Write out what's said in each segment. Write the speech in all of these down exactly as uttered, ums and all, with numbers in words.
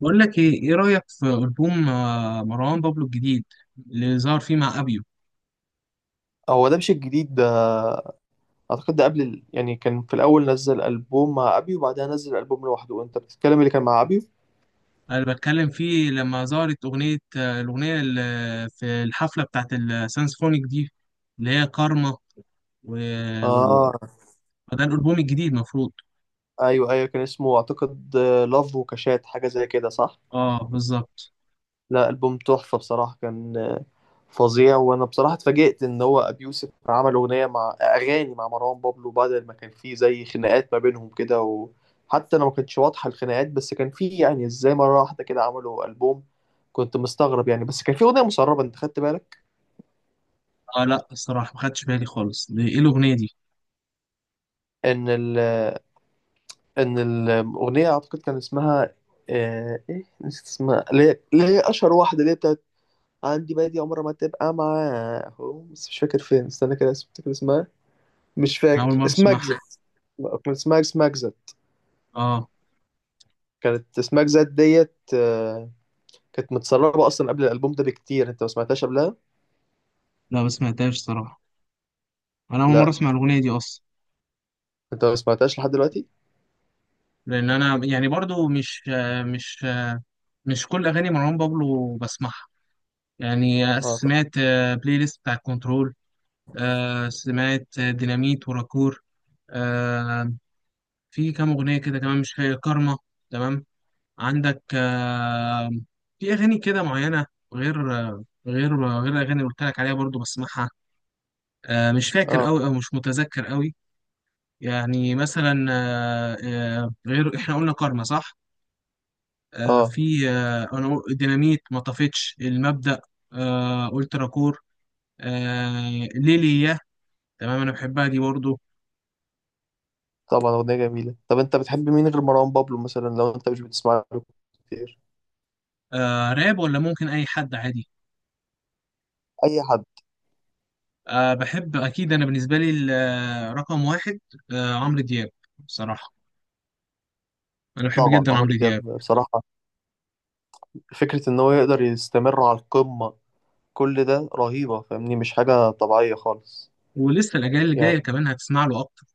بقول لك ايه ايه رايك في البوم آه، مروان بابلو الجديد اللي ظهر فيه مع ابيو. هو ده مش الجديد ده. اعتقد ده قبل ال... يعني كان في الاول نزل البوم مع ابيو وبعدها نزل البوم لوحده. انت بتتكلم اللي كان مع ابيو. انا بتكلم فيه لما ظهرت اغنيه، آه، الاغنيه اللي في الحفله بتاعت السانسفونيك دي، اللي هي كارما و... وال... اه، ده الالبوم الجديد مفروض. ايوه ايوه كان اسمه اعتقد لاف وكاشات، حاجه زي كده، صح؟ اه بالظبط. لا، البوم تحفه بصراحه، كان آه، فظيع. وانا بصراحه اتفاجئت ان هو ابي يوسف عمل اغنيه مع، اغاني مع مروان بابلو، بعد ما كان في زي خناقات ما بينهم كده. وحتى انا ما كانتش واضحه الخناقات، بس كان في يعني، ازاي مره واحده كده عملوا البوم؟ كنت مستغرب يعني. بس كان في اغنيه مسربه، انت خدت بالك؟ اه لا، الصراحه ما خدتش بالي خالص، دي ايه الاغنيه دي؟ ان ال ان الاغنيه اعتقد كان اسمها آه، ايه، نسيت اسمها، اللي هي اللي هي اشهر واحده، اللي هي بتاعت عندي بادي عمرها ما تبقى معاهم. بس مش فاكر فين. استنى كده، اسم- فاكر اسمها. مش انا اول فاكر مره اسمها. اجزت، اسمعها. كان اسمها اسمها اجزت. اه كانت اسمها اجزت ديت، آه، كانت متسربه اصلا قبل الالبوم ده بكتير. انت ما سمعتهاش قبلها؟ لا، ما سمعتهاش صراحه، انا اول مره لا، اسمع الاغنيه دي اصلا. انت ما سمعتهاش لحد دلوقتي. لان انا يعني برضو مش آه، مش آه، مش كل اغاني مروان بابلو بسمعها. يعني آه، اه، طب. سمعت آه، بلاي ليست بتاع كنترول. آه، سمعت آه، ديناميت وراكور. آه، في كام أغنية كده كمان مش فاكر، كارما، تمام، عندك آه، في أغاني كده معينة، غير آه، غير غير الأغاني اللي قلت لك عليها برضو بسمعها، آه، مش فاكر اه. أوي أو مش متذكر أوي. يعني مثلا، آه، آه، غير، إحنا قلنا كارما صح؟ آه، اه، في آه، أنا قل- ديناميت ما طفتش المبدأ. آه، قلت راكور، آه، ليلي. تمام، انا بحبها دي برضه. طبعا اغنيه جميله. طب انت بتحب مين غير مروان بابلو مثلا، لو انت مش بتسمع له كتير؟ آه، راب ولا ممكن اي حد عادي. اي حد. آه بحب اكيد، انا بالنسبه لي ال- آه، رقم واحد، آه عمرو دياب، بصراحه انا بحب طبعا جدا عمرو عمرو دياب دياب. بصراحة، فكرة إن هو يقدر يستمر على القمة كل ده رهيبة. فاهمني؟ مش حاجة طبيعية خالص. ولسه الاجيال اللي يعني جايه كمان هتسمع له اكتر.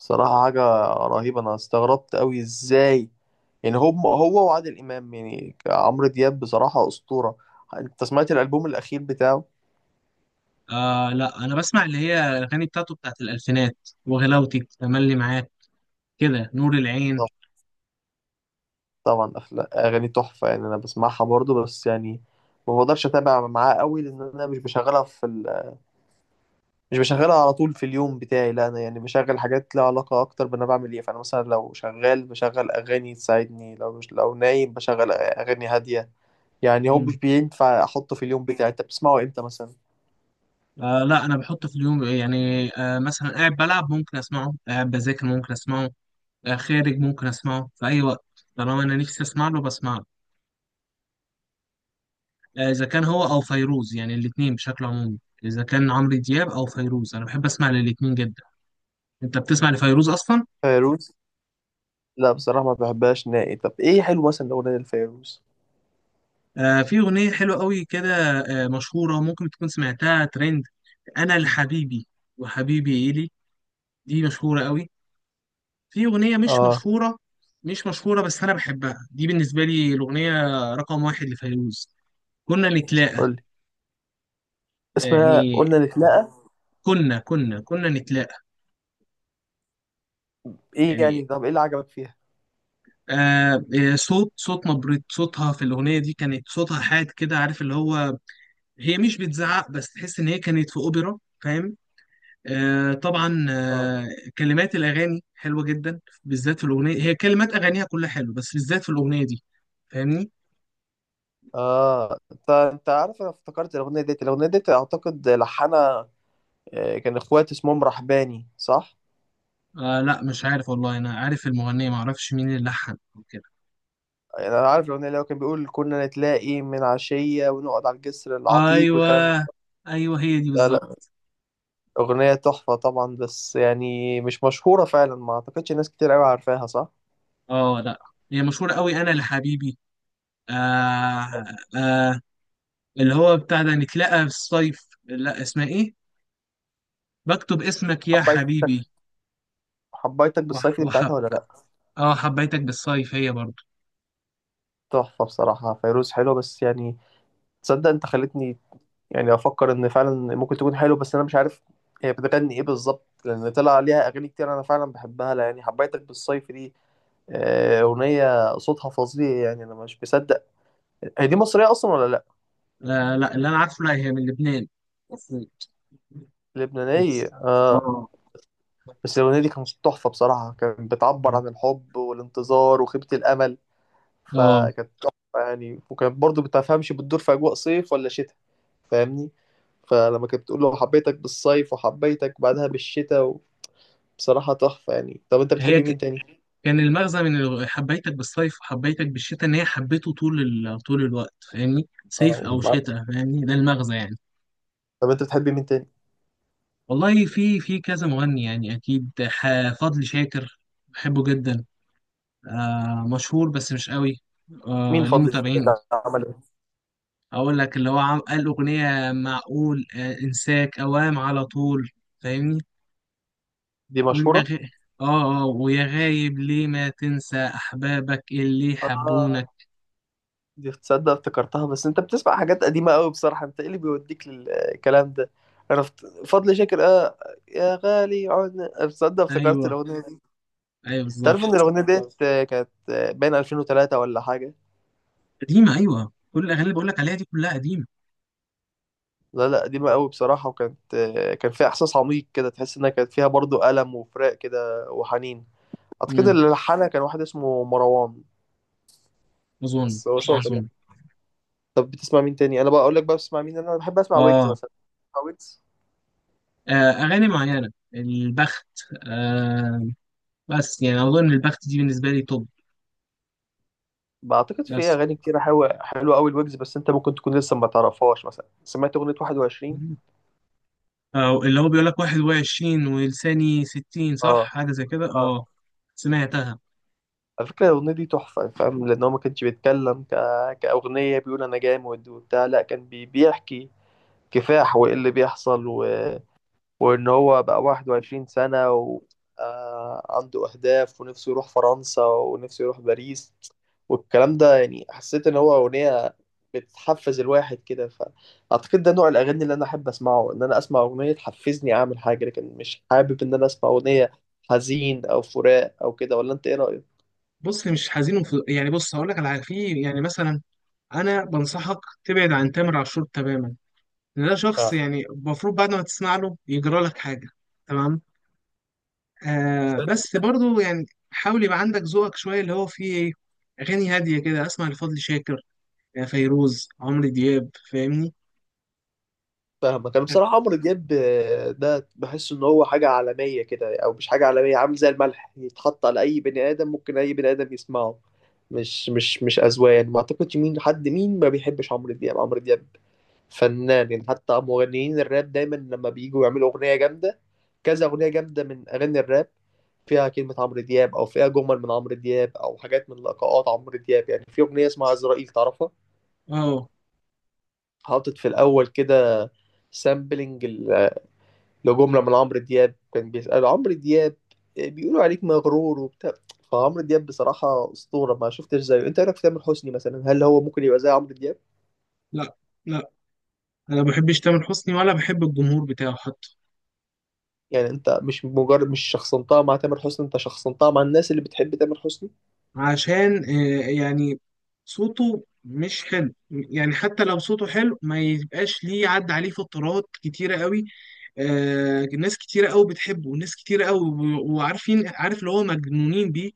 بصراحة حاجة رهيبة. أنا استغربت أوي إزاي يعني هم، هو وعادل إمام. يعني عمرو دياب بصراحة أسطورة. أنت سمعت الألبوم الأخير بتاعه؟ آه لا، انا بسمع اللي هي الاغاني بتاعته بتاعت الالفينات، وغلاوتي، تملي معاك، كده، نور العين. طب- طبعا أفلا- أغاني تحفة يعني. أنا بسمعها برضو بس يعني ما بقدرش أتابع معاه أوي، لأن أنا مش بشغلها في مش بشغلها على طول في اليوم بتاعي. لا انا يعني بشغل حاجات لها علاقة اكتر بانا بعمل ايه. فانا مثلا لو شغال بشغل اغاني تساعدني، لو مش لو نايم بشغل اغاني هادية. يعني هو مش مم. بينفع احطه في اليوم بتاعي. انت بتسمعه امتى مثلا؟ آه لا، انا بحط في اليوم يعني آه مثلا قاعد بلعب ممكن اسمعه، قاعد بذاكر ممكن اسمعه، آه خارج ممكن اسمعه، في اي وقت طالما انا نفسي اسمع له بسمعه. آه، اذا كان هو او فيروز، يعني الاثنين بشكل عمومي، اذا كان عمرو دياب او فيروز انا بحب اسمع للاثنين جدا. انت بتسمع لفيروز اصلا؟ فيروز؟ لا بصراحة ما بحبهاش نائي. طب ايه حلو مثلا لو اغنية الفيروز؟ آه، في اغنيه حلوه قوي كده، آه مشهوره، ممكن تكون سمعتها، ترند: انا لحبيبي وحبيبي الي، دي مشهوره قوي. في اغنيه مش اه. مشهوره، مش مشهوره بس انا بحبها، دي بالنسبه لي الاغنيه رقم واحد لفيروز: كنا نتلاقى. قولي. اسمها يعني قلنا نتلاقى. كنا كنا كنا نتلاقى. ايه يعني يعني؟ طب ايه اللي عجبك فيها؟ آه، آه، صوت صوت نبرة صوتها في الأغنية دي كانت، صوتها حاد كده، عارف، اللي هو هي مش بتزعق بس تحس إن هي كانت في أوبرا، فاهم؟ آه طبعا اه. آه، كلمات الأغاني حلوة جدا، بالذات في الأغنية، هي كلمات أغانيها كلها حلوة بس بالذات في الأغنية دي، فاهمني؟ اه، انت انت عارف، انا افتكرت الاغنية ديت. الاغنية ديت اعتقد لحنها آه، كان اخوات اسمهم رحباني، صح؟ آه لا مش عارف والله، أنا عارف المغنية معرفش مين اللي لحن أو كده. يعني انا عارف الاغنيه اللي هو كان بيقول كنا نتلاقي من عشيه ونقعد على الجسر العتيق والكلام ده. أيوه، أيوه هي دي لا لا، بالظبط. اغنيه تحفه طبعا، بس يعني مش مشهوره فعلا، ما اعتقدش ناس كتير قوي عارفاها، صح؟ اه لا، هي مشهورة قوي، أنا لحبيبي. آه، آه، اللي هو بتاع ده نتلاقى في الصيف، لا اسمها ايه، بكتب اسمك يا حبيت، حبيبي. حبيتك وح... بالصيف دي وح... بتاعتها ولا لا؟ اه، حبيتك بالصيف هي برضو. تحفه بصراحه، فيروز حلوه بس يعني، تصدق انت خلتني يعني افكر ان فعلا ممكن تكون حلوه؟ بس انا مش عارف هي بتغني ايه بالظبط، لان طلع عليها اغاني كتير. انا فعلا بحبها. لا يعني حبيتك بالصيف دي، آه، اغنيه صوتها فظيع يعني، انا مش مصدق. هي دي مصريه اصلا ولا لا؟ آه لا، اللي انا عارفه لا، هي من لبنان. لبنانية، اه. اه. بس الأغنية دي كانت تحفة بصراحة، كانت بتعبر عن الحب والانتظار وخيبة الأمل. اه، فكانت تحفة يعني، وكانت برضو بتفهمش بتدور في أجواء صيف ولا شتاء. فاهمني؟ فلما كانت بتقول له حبيتك بالصيف وحبيتك بعدها بالشتاء، بصراحة تحفة يعني. طب أنت هي بتحبي ك... مين تاني؟ كان المغزى من ال- حبيتك بالصيف وحبيتك بالشتاء ان هي حبيته طول، ال... طول الوقت، فاهمني، صيف او آه، شتاء، فاهمني، ده المغزى يعني. طب أنت بتحبي مين تاني؟ والله في في كذا مغني يعني، اكيد، ح... فضل شاكر، بحبه جدا. آه مشهور بس مش قوي، آه مين ليه فضل الشتاء متابعين. ده عمل إيه؟ اقول لك اللي هو عم قال اغنيه معقول، آه انساك اوام على طول، فاهمني. دي ويا غ... اه، اه، ويا غايب ليه ما تنسى احبابك اللي مشهورة؟ حبونك. دي تصدق افتكرتها. بس انت بتسمع حاجات قديمة قوي بصراحة، انت ايه اللي بيوديك للكلام ده؟ انا فت- فضل شاكر، اه. يا غالي عنا، تصدق افتكرت ايوه، الاغنية دي. ايوه تعرف ان بالظبط. الاغنية ديت آه، كانت آه، بين ألفين وتلاتة ولا حاجة. قديمه، ايوه كل الاغاني اللي بقول لك عليها دي كلها قديمه. لا لا، قديمة قوي بصراحة. وكانت آه، كان فيها احساس عميق كده، تحس انها كانت فيها برضو ألم وفراق كده وحنين. اعتقد امم اللي لحنها كان واحد اسمه مروان، اظن. بس هو شاطر يعني. اظن. طب بتسمع مين تاني؟ انا بقى اقول لك بقى بتسمع مين. انا بحب اسمع ويجز اه. مثلا. بتسمع ويجز؟ آه، اغاني معينه، البخت، آه، بس يعني اظن البخت دي بالنسبه لي توب. بعتقد في بس اغاني كتير حلوه، حلوه قوي الويجز. بس انت ممكن تكون لسه ما تعرفهاش. مثلا سمعت اغنيه واحد وعشرين؟ آه، اللي هو بيقول لك واحد وعشرين ولساني ستين، صح، اه. حاجة زي كده. اه، اه سمعتها. على فكره الاغنيه دي تحفه، فاهم؟ لان هو ما كانش بيتكلم ك... كاغنيه بيقول انا جامد وبتاع. لا، كان بي... بيحكي كفاح وايه اللي بيحصل و... وإن هو بقى 21 سنة وعنده أهداف، ونفسه يروح فرنسا، ونفسه يروح باريس، والكلام ده. يعني حسيت إن هو أغنية بتحفز الواحد كده. فأعتقد ده نوع الأغاني اللي أنا أحب أسمعه، إن أنا أسمع أغنية تحفزني أعمل حاجة. لكن مش حابب إن أنا أسمع أغنية حزين أو فراق أو كده. ولا أنت إيه رأيك؟ بص مش حزين وف... يعني بص هقول لك على حاجة. في يعني مثلا، انا بنصحك تبعد عن تامر عاشور تماما، لأن ده شخص آه. يعني المفروض بعد ما تسمع له يجرى لك حاجة. تمام. آه بس برضو يعني حاول يبقى عندك ذوقك شوية، اللي هو فيه ايه، اغاني هادية كده، اسمع لفضل شاكر، آه، فيروز، عمرو دياب، فاهمني. فاهمك. انا بصراحه عمرو دياب، آه، ده بحس ان هو حاجه عالميه كده، او مش حاجه عالميه، عامل زي الملح يتحط على اي بني ادم، ممكن اي بني ادم يسمعه. مش مش مش اذواق يعني، ما اعتقدش مين حد مين ما بيحبش عمرو دياب. عمرو دياب فنان يعني. حتى مغنيين الراب دايما لما بييجوا يعملوا اغنيه جامده، كذا اغنيه جامده من اغاني الراب فيها كلمه عمرو دياب، او فيها جمل من عمرو دياب، او حاجات من لقاءات عمرو دياب. يعني في اغنيه اسمها عزرائيل، تعرفها؟ اه حاطط في الاول كده سامبلنج لجملة من عمرو دياب، كان بيسأله عمرو دياب، آه، بيقولوا عليك مغرور وبتاع. فعمرو دياب بصراحة أسطورة، ما شفتش زيه. أنت إيه رأيك في تامر حسني مثلا، هل هو ممكن يبقى زي عمرو دياب؟ لا، لا انا ما بحبش تامر حسني ولا بحب الجمهور بتاعه حتى. يعني أنت مش مجرد، مش شخصنتها مع تامر حسني، أنت شخصنتها مع الناس اللي بتحب تامر حسني. عشان آه، يعني صوته مش حلو، يعني حتى لو صوته حلو ما يبقاش ليه، عدى عليه فترات كتيرة قوي. آه، ناس كتيرة قوي بتحبه وناس كتيرة قوي و- وعارفين، عارف اللي هو مجنونين بيه،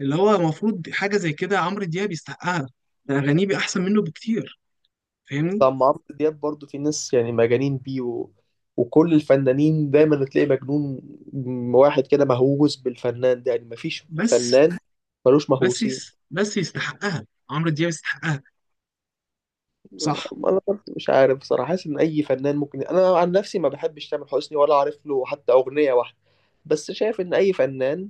اللي هو المفروض حاجة زي كده عمرو دياب يستحقها. ده أغانيه بقى أحسن منه بكتير، فاهمني. طب مع عمرو دياب برضو في ناس يعني مجانين بيه و... وكل الفنانين دايما تلاقي مجنون واحد كده مهووس بالفنان ده. يعني مفيش بس فنان ملوش بس مهووسين. يس- بس يستحقها عمرو دياب يستحقها. صح. انا برضه مش عارف بصراحه، حاسس ان اي فنان ممكن، انا عن نفسي ما بحبش تامر حسني ولا عارف له حتى اغنيه واحده، بس شايف ان اي فنان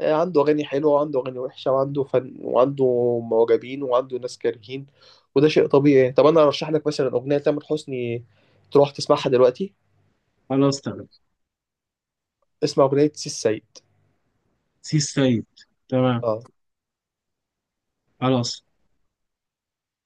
آه، عنده اغاني حلوه وعنده اغاني وحشه، وعنده فن وعنده معجبين وعنده ناس كارهين، وده شيء طبيعي. طب انا ارشح لك مثلا اغنيه تامر حسني تروح تسمعها دلوقتي، خلاص تمام. اسمها اغنيه سي السيد. سي السيد، تمام، اه. خلاص.